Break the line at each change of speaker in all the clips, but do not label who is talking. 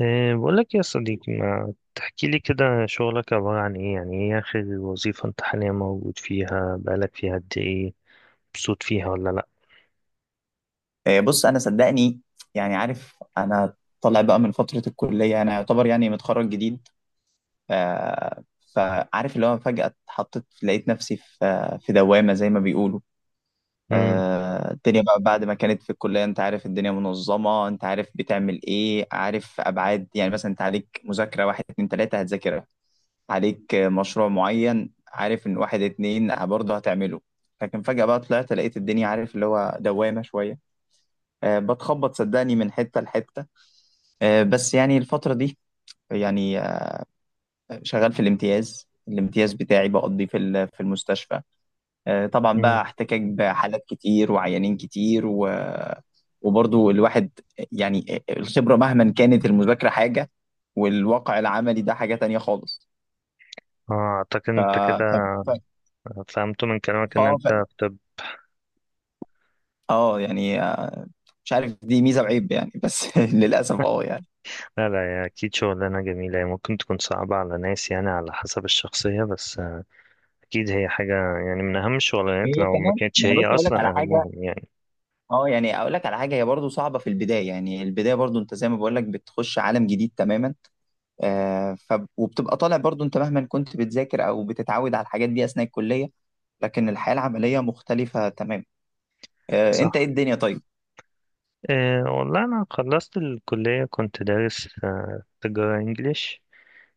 إيه، بقول لك يا صديقي ما تحكي لي كده شغلك عبارة عن ايه؟ يعني ايه اخر وظيفة انت حاليا موجود فيها؟ بقالك فيها قد ايه؟ مبسوط فيها ولا لا؟
بص انا صدقني. عارف انا طالع بقى من فتره الكليه، انا يعتبر يعني متخرج جديد. ف... فعارف اللي هو فجاه اتحطيت، لقيت نفسي في دوامه زي ما بيقولوا.
امم.
الدنيا بقى بعد ما كانت في الكليه، انت عارف الدنيا منظمه، انت عارف بتعمل ايه، عارف ابعاد، يعني مثلا انت عليك مذاكره واحد اتنين تلاته هتذاكرها، عليك مشروع معين عارف ان واحد اتنين برضه هتعمله. لكن فجاه بقى طلعت لقيت الدنيا عارف اللي هو دوامه شويه. بتخبط صدقني من حتة لحتة. بس يعني الفترة دي يعني شغال في الامتياز. الامتياز بتاعي بقضي في المستشفى. طبعا بقى
امم.
احتكاك بحالات كتير وعيانين كتير وبرضو الواحد يعني الخبرة مهما كانت المذاكرة حاجة، والواقع العملي ده حاجة تانية خالص.
اه، اعتقد
ف
انت كده
ف ف ف
فهمت من كلامك ان
اه،
انت
ف-
في طب.
اه يعني آه، مش عارف دي ميزة وعيب يعني، بس للأسف يعني.
لا لا، يا اكيد شغلانة جميلة، هي ممكن تكون صعبة على ناس يعني على حسب الشخصية، بس اكيد هي حاجة يعني من اهم الشغلانات
وهي
لو ما
كمان
كانتش
يعني
هي
بص اقول لك
اصلا
على حاجة.
اهمهم يعني.
اه يعني اقول لك على حاجه، هي برضو صعبه في البدايه، يعني البدايه برضو انت زي ما بقول لك بتخش عالم جديد تماما. آه ف وبتبقى طالع برضو انت مهما كنت بتذاكر او بتتعود على الحاجات دي اثناء الكليه، لكن الحياه العمليه مختلفه تماما. انت ايه
صح.
الدنيا؟ طيب.
إيه والله انا خلصت الكلية، كنت دارس تجارة انجليش.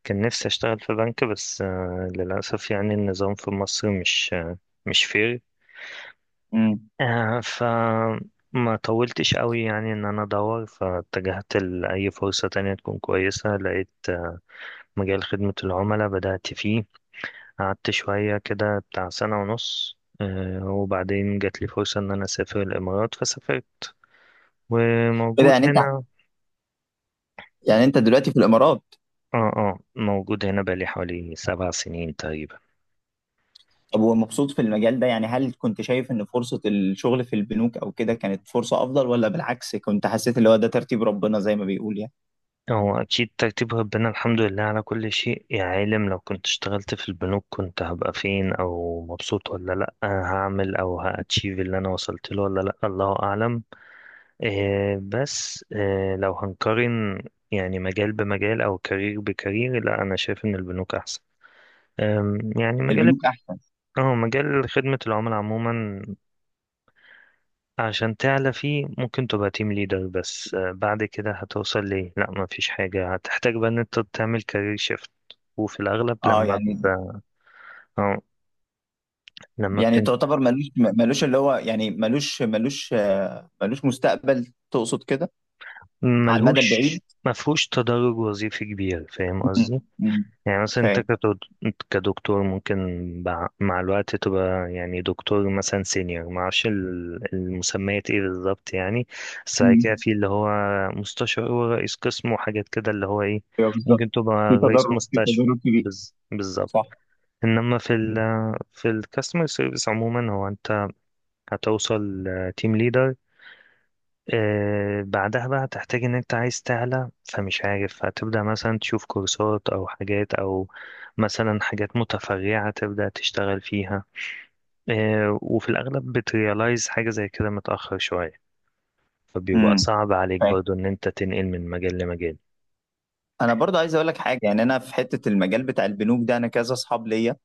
كان نفسي اشتغل في بنك بس للاسف، يعني النظام في مصر مش فير.
امم.
آه، ف ما طولتش قوي يعني ان انا ادور، فاتجهت لاي فرصة تانية تكون كويسة، لقيت مجال خدمة العملاء بدأت فيه. قعدت شوية كده بتاع سنة ونص، وبعدين جات لي فرصة ان انا اسافر الامارات فسافرت
كده
وموجود
يعني انت،
هنا.
يعني انت دلوقتي في الامارات؟
اه اه، موجود هنا بقالي حوالي 7 سنين تقريبا.
طب ومبسوط في المجال ده؟ يعني هل كنت شايف ان فرصه الشغل في البنوك او كده كانت فرصه افضل، ولا بالعكس كنت حسيت اللي هو ده ترتيب ربنا زي ما بيقول يعني؟
هو أكيد ترتيب ربنا، الحمد لله على كل شيء. يا عالم لو كنت اشتغلت في البنوك كنت هبقى فين؟ أو مبسوط ولا لأ؟ هعمل أو هأتشيف اللي أنا وصلت له ولا لأ؟ الله أعلم. إيه بس إيه، لو هنقارن يعني مجال بمجال أو كارير بكارير، لأ أنا شايف إن البنوك أحسن. يعني مجال.
البنوك احسن.
اه، مجال خدمة العملاء عموما عشان تعلى فيه ممكن تبقى تيم ليدر، بس بعد كده هتوصل ليه لا مفيش حاجة، هتحتاج بقى ان انت تعمل كارير شيفت. وفي الاغلب
اه يعني
آه، لما
يعني
بتن...
تعتبر ملوش ملوش اللي هو يعني ملوش ملوش آه، ملوش مستقبل تقصد كده، على المدى
ملهوش
البعيد؟
مفهوش تدرج وظيفي كبير، فاهم
مم.
قصدي؟
مم.
يعني مثلا انت
فاهم.
كدكتور ممكن مع الوقت تبقى يعني دكتور مثلا سينيور، معرفش المسميات ايه بالظبط يعني، بس بعد كده
مم.
في اللي هو مستشار ورئيس قسم وحاجات كده اللي هو ايه،
ايوه بالظبط.
ممكن تبقى
في
رئيس
تضرر في
مستشفى.
تضرر كبير.
بالظبط.
صح.
انما في الكاستمر سيرفيس عموما هو انت هتوصل تيم ليدر، بعدها بقى هتحتاج ان انت عايز تعلى، فمش عارف هتبدأ مثلا تشوف كورسات او حاجات او مثلا حاجات متفرعة تبدأ تشتغل فيها. وفي الاغلب بتريالايز حاجة زي كده متأخر شوية، فبيبقى
امم.
صعب عليك
فاهم.
برضو ان انت تنقل من مجال لمجال.
انا برضه عايز اقول لك حاجه. يعني انا في حته المجال بتاع البنوك ده انا كذا اصحاب ليا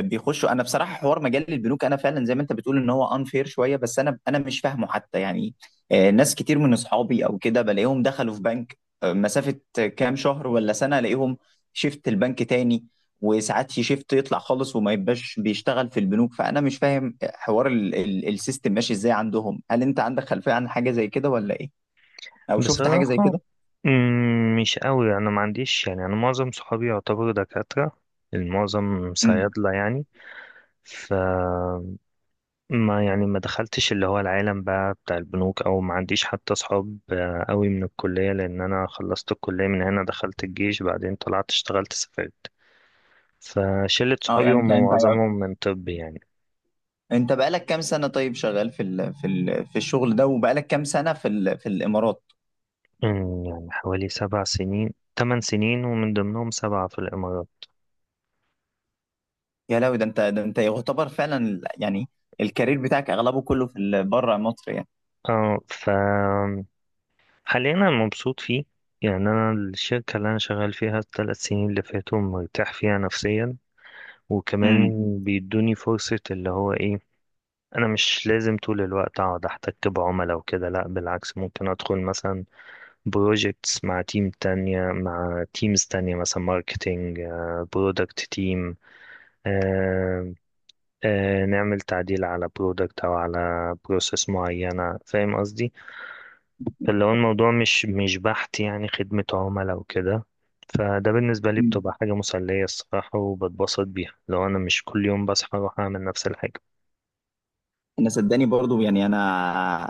بيخشوا. انا بصراحه حوار مجال البنوك انا فعلا زي ما انت بتقول ان هو انفير شويه، بس انا مش فاهمه حتى يعني. ناس كتير من اصحابي او كده بلاقيهم دخلوا في بنك مسافه كام شهر ولا سنه، الاقيهم شيفت البنك تاني، وساعات يشيفت يطلع خالص وما يبقاش بيشتغل في البنوك. فانا مش فاهم حوار السيستم ماشي ازاي عندهم، هل انت عندك خلفيه عن حاجه زي كده ولا ايه؟ او شفت حاجه زي
بصراحة
كده؟
مش قوي، انا ما عنديش، يعني انا معظم صحابي يعتبروا دكاترة، المعظم
امم.
صيادلة يعني. ف ما يعني ما دخلتش اللي هو العالم بقى بتاع البنوك، او ما عنديش حتى اصحاب قوي من الكلية، لان انا خلصت الكلية من هنا دخلت الجيش بعدين طلعت اشتغلت سافرت، فشلة
اه
صحابي
يعني
هم
انت انت
معظمهم من طب يعني.
انت بقالك كام سنه طيب شغال في الشغل ده؟ وبقالك كام سنه في الامارات؟
يعني حوالي 7 سنين، 8 سنين ومن ضمنهم 7 في الامارات.
يا لهوي، ده انت، ده انت يعتبر فعلا يعني الكارير بتاعك اغلبه كله بره مصر يعني.
اه، حاليا انا مبسوط فيه. يعني انا الشركة اللي انا شغال فيها ال 3 سنين اللي فاتوا مرتاح فيها نفسيا، وكمان
امم.
بيدوني فرصة اللي هو ايه، انا مش لازم طول الوقت اقعد احتك بعملاء وكده، لا بالعكس ممكن ادخل مثلا بروجكتس مع تيم تانية، مع تيمز تانية، مثلا ماركتينج، برودكت تيم، نعمل تعديل على برودكت او على بروسيس معينة، فاهم قصدي؟ فاللي هو الموضوع مش بحت يعني خدمة عملاء وكده. فده بالنسبة لي
امم.
بتبقى حاجة مسلية الصراحة، وبتبسط بيها لو أنا مش كل يوم بصحى أروح أعمل نفس الحاجة.
انا صدقني برضو يعني انا،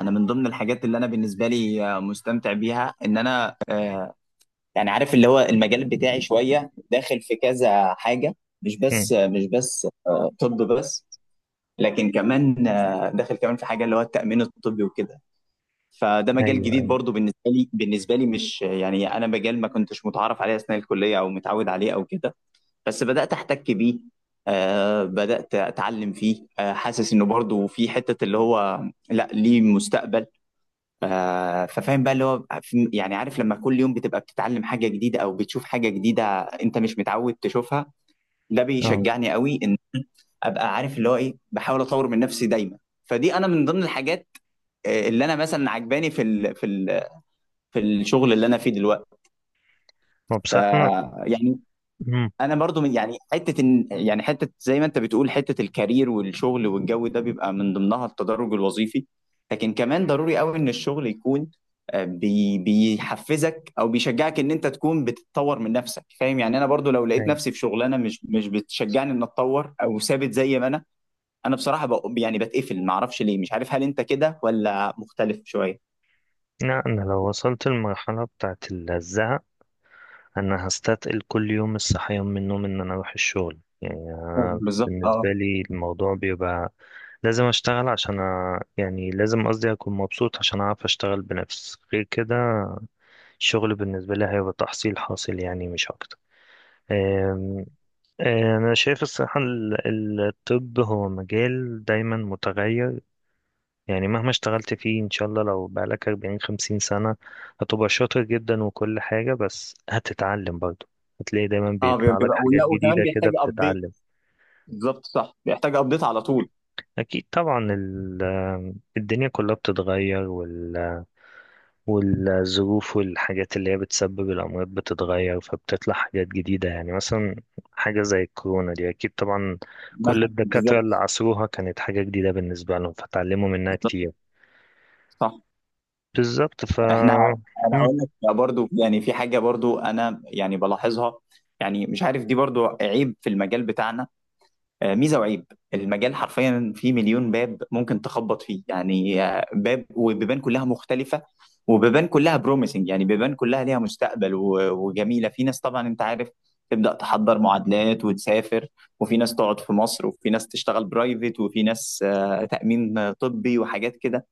انا من ضمن الحاجات اللي انا بالنسبه لي مستمتع بيها ان انا عارف اللي هو المجال بتاعي شويه داخل في كذا حاجه، مش
مم.
بس مش بس آه، طب بس لكن كمان داخل كمان في حاجه اللي هو التامين الطبي وكده. فده مجال
أيوه
جديد
أيوة.
برضو بالنسبه لي مش يعني انا مجال ما كنتش متعرف عليه اثناء الكليه او متعود عليه او كده. بس بدأت احتك بيه، آه بدأت اتعلم فيه، آه حاسس انه برضو في حتة اللي هو لا، ليه مستقبل. ففاهم بقى اللي هو يعني عارف لما كل يوم بتبقى بتتعلم حاجة جديدة او بتشوف حاجة جديدة انت مش متعود تشوفها، ده
اه،
بيشجعني قوي ان ابقى عارف اللي هو ايه، بحاول اطور من نفسي دايما. فدي انا من ضمن الحاجات اللي انا مثلا عجباني في الشغل اللي انا فيه دلوقتي.
هو
ف-
بصراحة،
يعني
أنا،
انا برضو من يعني حته يعني حته زي ما انت بتقول حته الكارير والشغل والجو ده بيبقى من ضمنها التدرج الوظيفي. لكن كمان ضروري قوي ان الشغل يكون بيحفزك او بيشجعك ان انت تكون بتتطور من نفسك. فاهم يعني انا برضو لو لقيت
أي.
نفسي في شغلانه مش بتشجعني ان اتطور او ثابت زي ما انا، انا بصراحه يعني بتقفل ما اعرفش ليه. مش عارف هل انت كده ولا مختلف شويه؟
لا، أنا لو وصلت المرحلة بتاعت الزهق أنا هستثقل كل يوم الصحيان من النوم إن أنا أروح الشغل. يعني أنا
بالظبط اه.
بالنسبة لي الموضوع بيبقى لازم أشتغل يعني لازم قصدي أكون مبسوط عشان أعرف أشتغل بنفسي، غير كده الشغل بالنسبة لي هيبقى تحصيل حاصل يعني مش أكتر. أم- أنا شايف الصحة الطب هو مجال دايما متغير، يعني مهما اشتغلت فيه ان شاء الله لو بقالك 40 50 سنة هتبقى شاطر جدا وكل حاجة، بس هتتعلم برضه، هتلاقي دايما
اه
بيطلع لك
بيبقى،
حاجات
ولا وكمان
جديدة كده
بيحتاج ابديت.
بتتعلم.
بالظبط صح، بيحتاج ابديت على طول.
اكيد طبعا الدنيا كلها بتتغير، والظروف والحاجات اللي هي بتسبب الأمراض بتتغير، فبتطلع حاجات جديدة، يعني مثلا حاجة زي الكورونا دي أكيد طبعا كل
مثلا
الدكاترة
بالظبط.
اللي عصروها كانت حاجة جديدة بالنسبة لهم فتعلموا منها كتير.
صح.
بالظبط.
احنا، انا
مم.
هقول لك برضو يعني في حاجه برضو انا يعني بلاحظها، يعني مش عارف دي برضو عيب في المجال بتاعنا. ميزه وعيب، المجال حرفيا فيه مليون باب ممكن تخبط فيه يعني. باب وبيبان كلها مختلفه، وبيبان كلها بروميسنج، يعني بيبان كلها ليها مستقبل وجميله. في ناس طبعا انت عارف تبدا تحضر معادلات وتسافر، وفي ناس تقعد في مصر، وفي ناس تشتغل برايفت، وفي ناس تامين طبي وحاجات كده.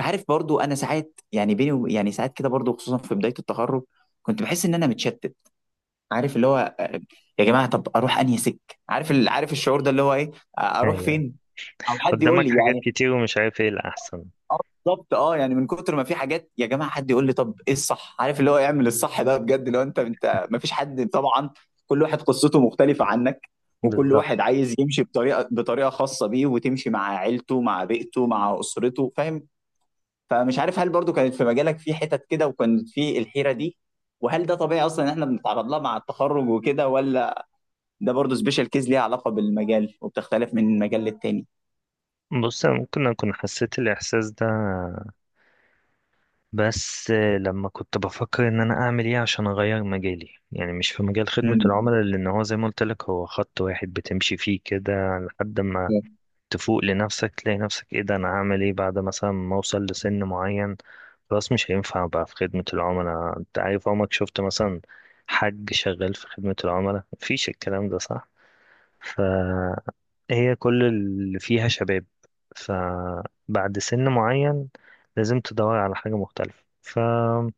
عارف برضو انا ساعات يعني يعني ساعات كده برضو خصوصا في بدايه التخرج كنت بحس ان انا متشتت. عارف اللي هو يا جماعه طب اروح انهي سك؟ عارف عارف الشعور ده اللي هو ايه؟ اروح
يعني
فين؟ او حد يقول
قدامك
لي
حاجات
يعني.
كتير ومش عارف ايه الأحسن.
اه بالظبط اه، يعني من كتر ما في حاجات يا جماعه حد يقول لي طب ايه الصح؟ عارف اللي هو يعمل الصح ده بجد؟ لو انت ما فيش حد طبعا، كل واحد قصته مختلفه عنك، وكل
بالظبط.
واحد عايز يمشي بطريقه خاصه بيه، وتمشي مع عيلته مع بيئته مع اسرته. فاهم؟ فمش عارف هل برضو كانت في مجالك في حتت كده وكانت في الحيرة دي؟ وهل ده طبيعي اصلا ان احنا بنتعرض لها مع التخرج وكده، ولا ده برضو سبيشال كيز ليها علاقة بالمجال وبتختلف من مجال للتاني؟
بص أنا ممكن أكون حسيت الإحساس ده، بس لما كنت بفكر إن أنا أعمل إيه عشان أغير مجالي، يعني مش في مجال خدمة
امم.
العملاء، لأن هو زي ما قلت لك هو خط واحد بتمشي فيه كده لحد ما
فهمت.
تفوق لنفسك، تلاقي نفسك إيه ده؟ أنا هعمل إيه بعد مثلا ما أوصل لسن معين؟ خلاص مش هينفع بقى في خدمة العملاء. أنت عارف عمرك شفت مثلا حد شغال في خدمة العملاء؟ مفيش الكلام ده، صح؟ هي كل اللي فيها شباب، فبعد سن معين لازم تدور على حاجة مختلفة. فلما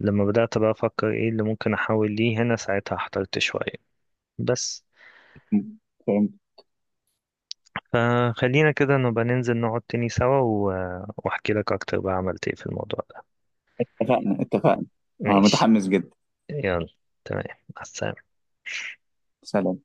بدأت بقى أفكر إيه اللي ممكن أحاول ليه، هنا ساعتها احترت شوية بس.
فهمت.
فخلينا كده نبقى ننزل نقعد تاني سوا وأحكي لك أكتر بقى عملت إيه في الموضوع ده.
اتفقنا اتفقنا.
ماشي.
متحمس جدا.
يلا. تمام. مع السلامة.
سلام.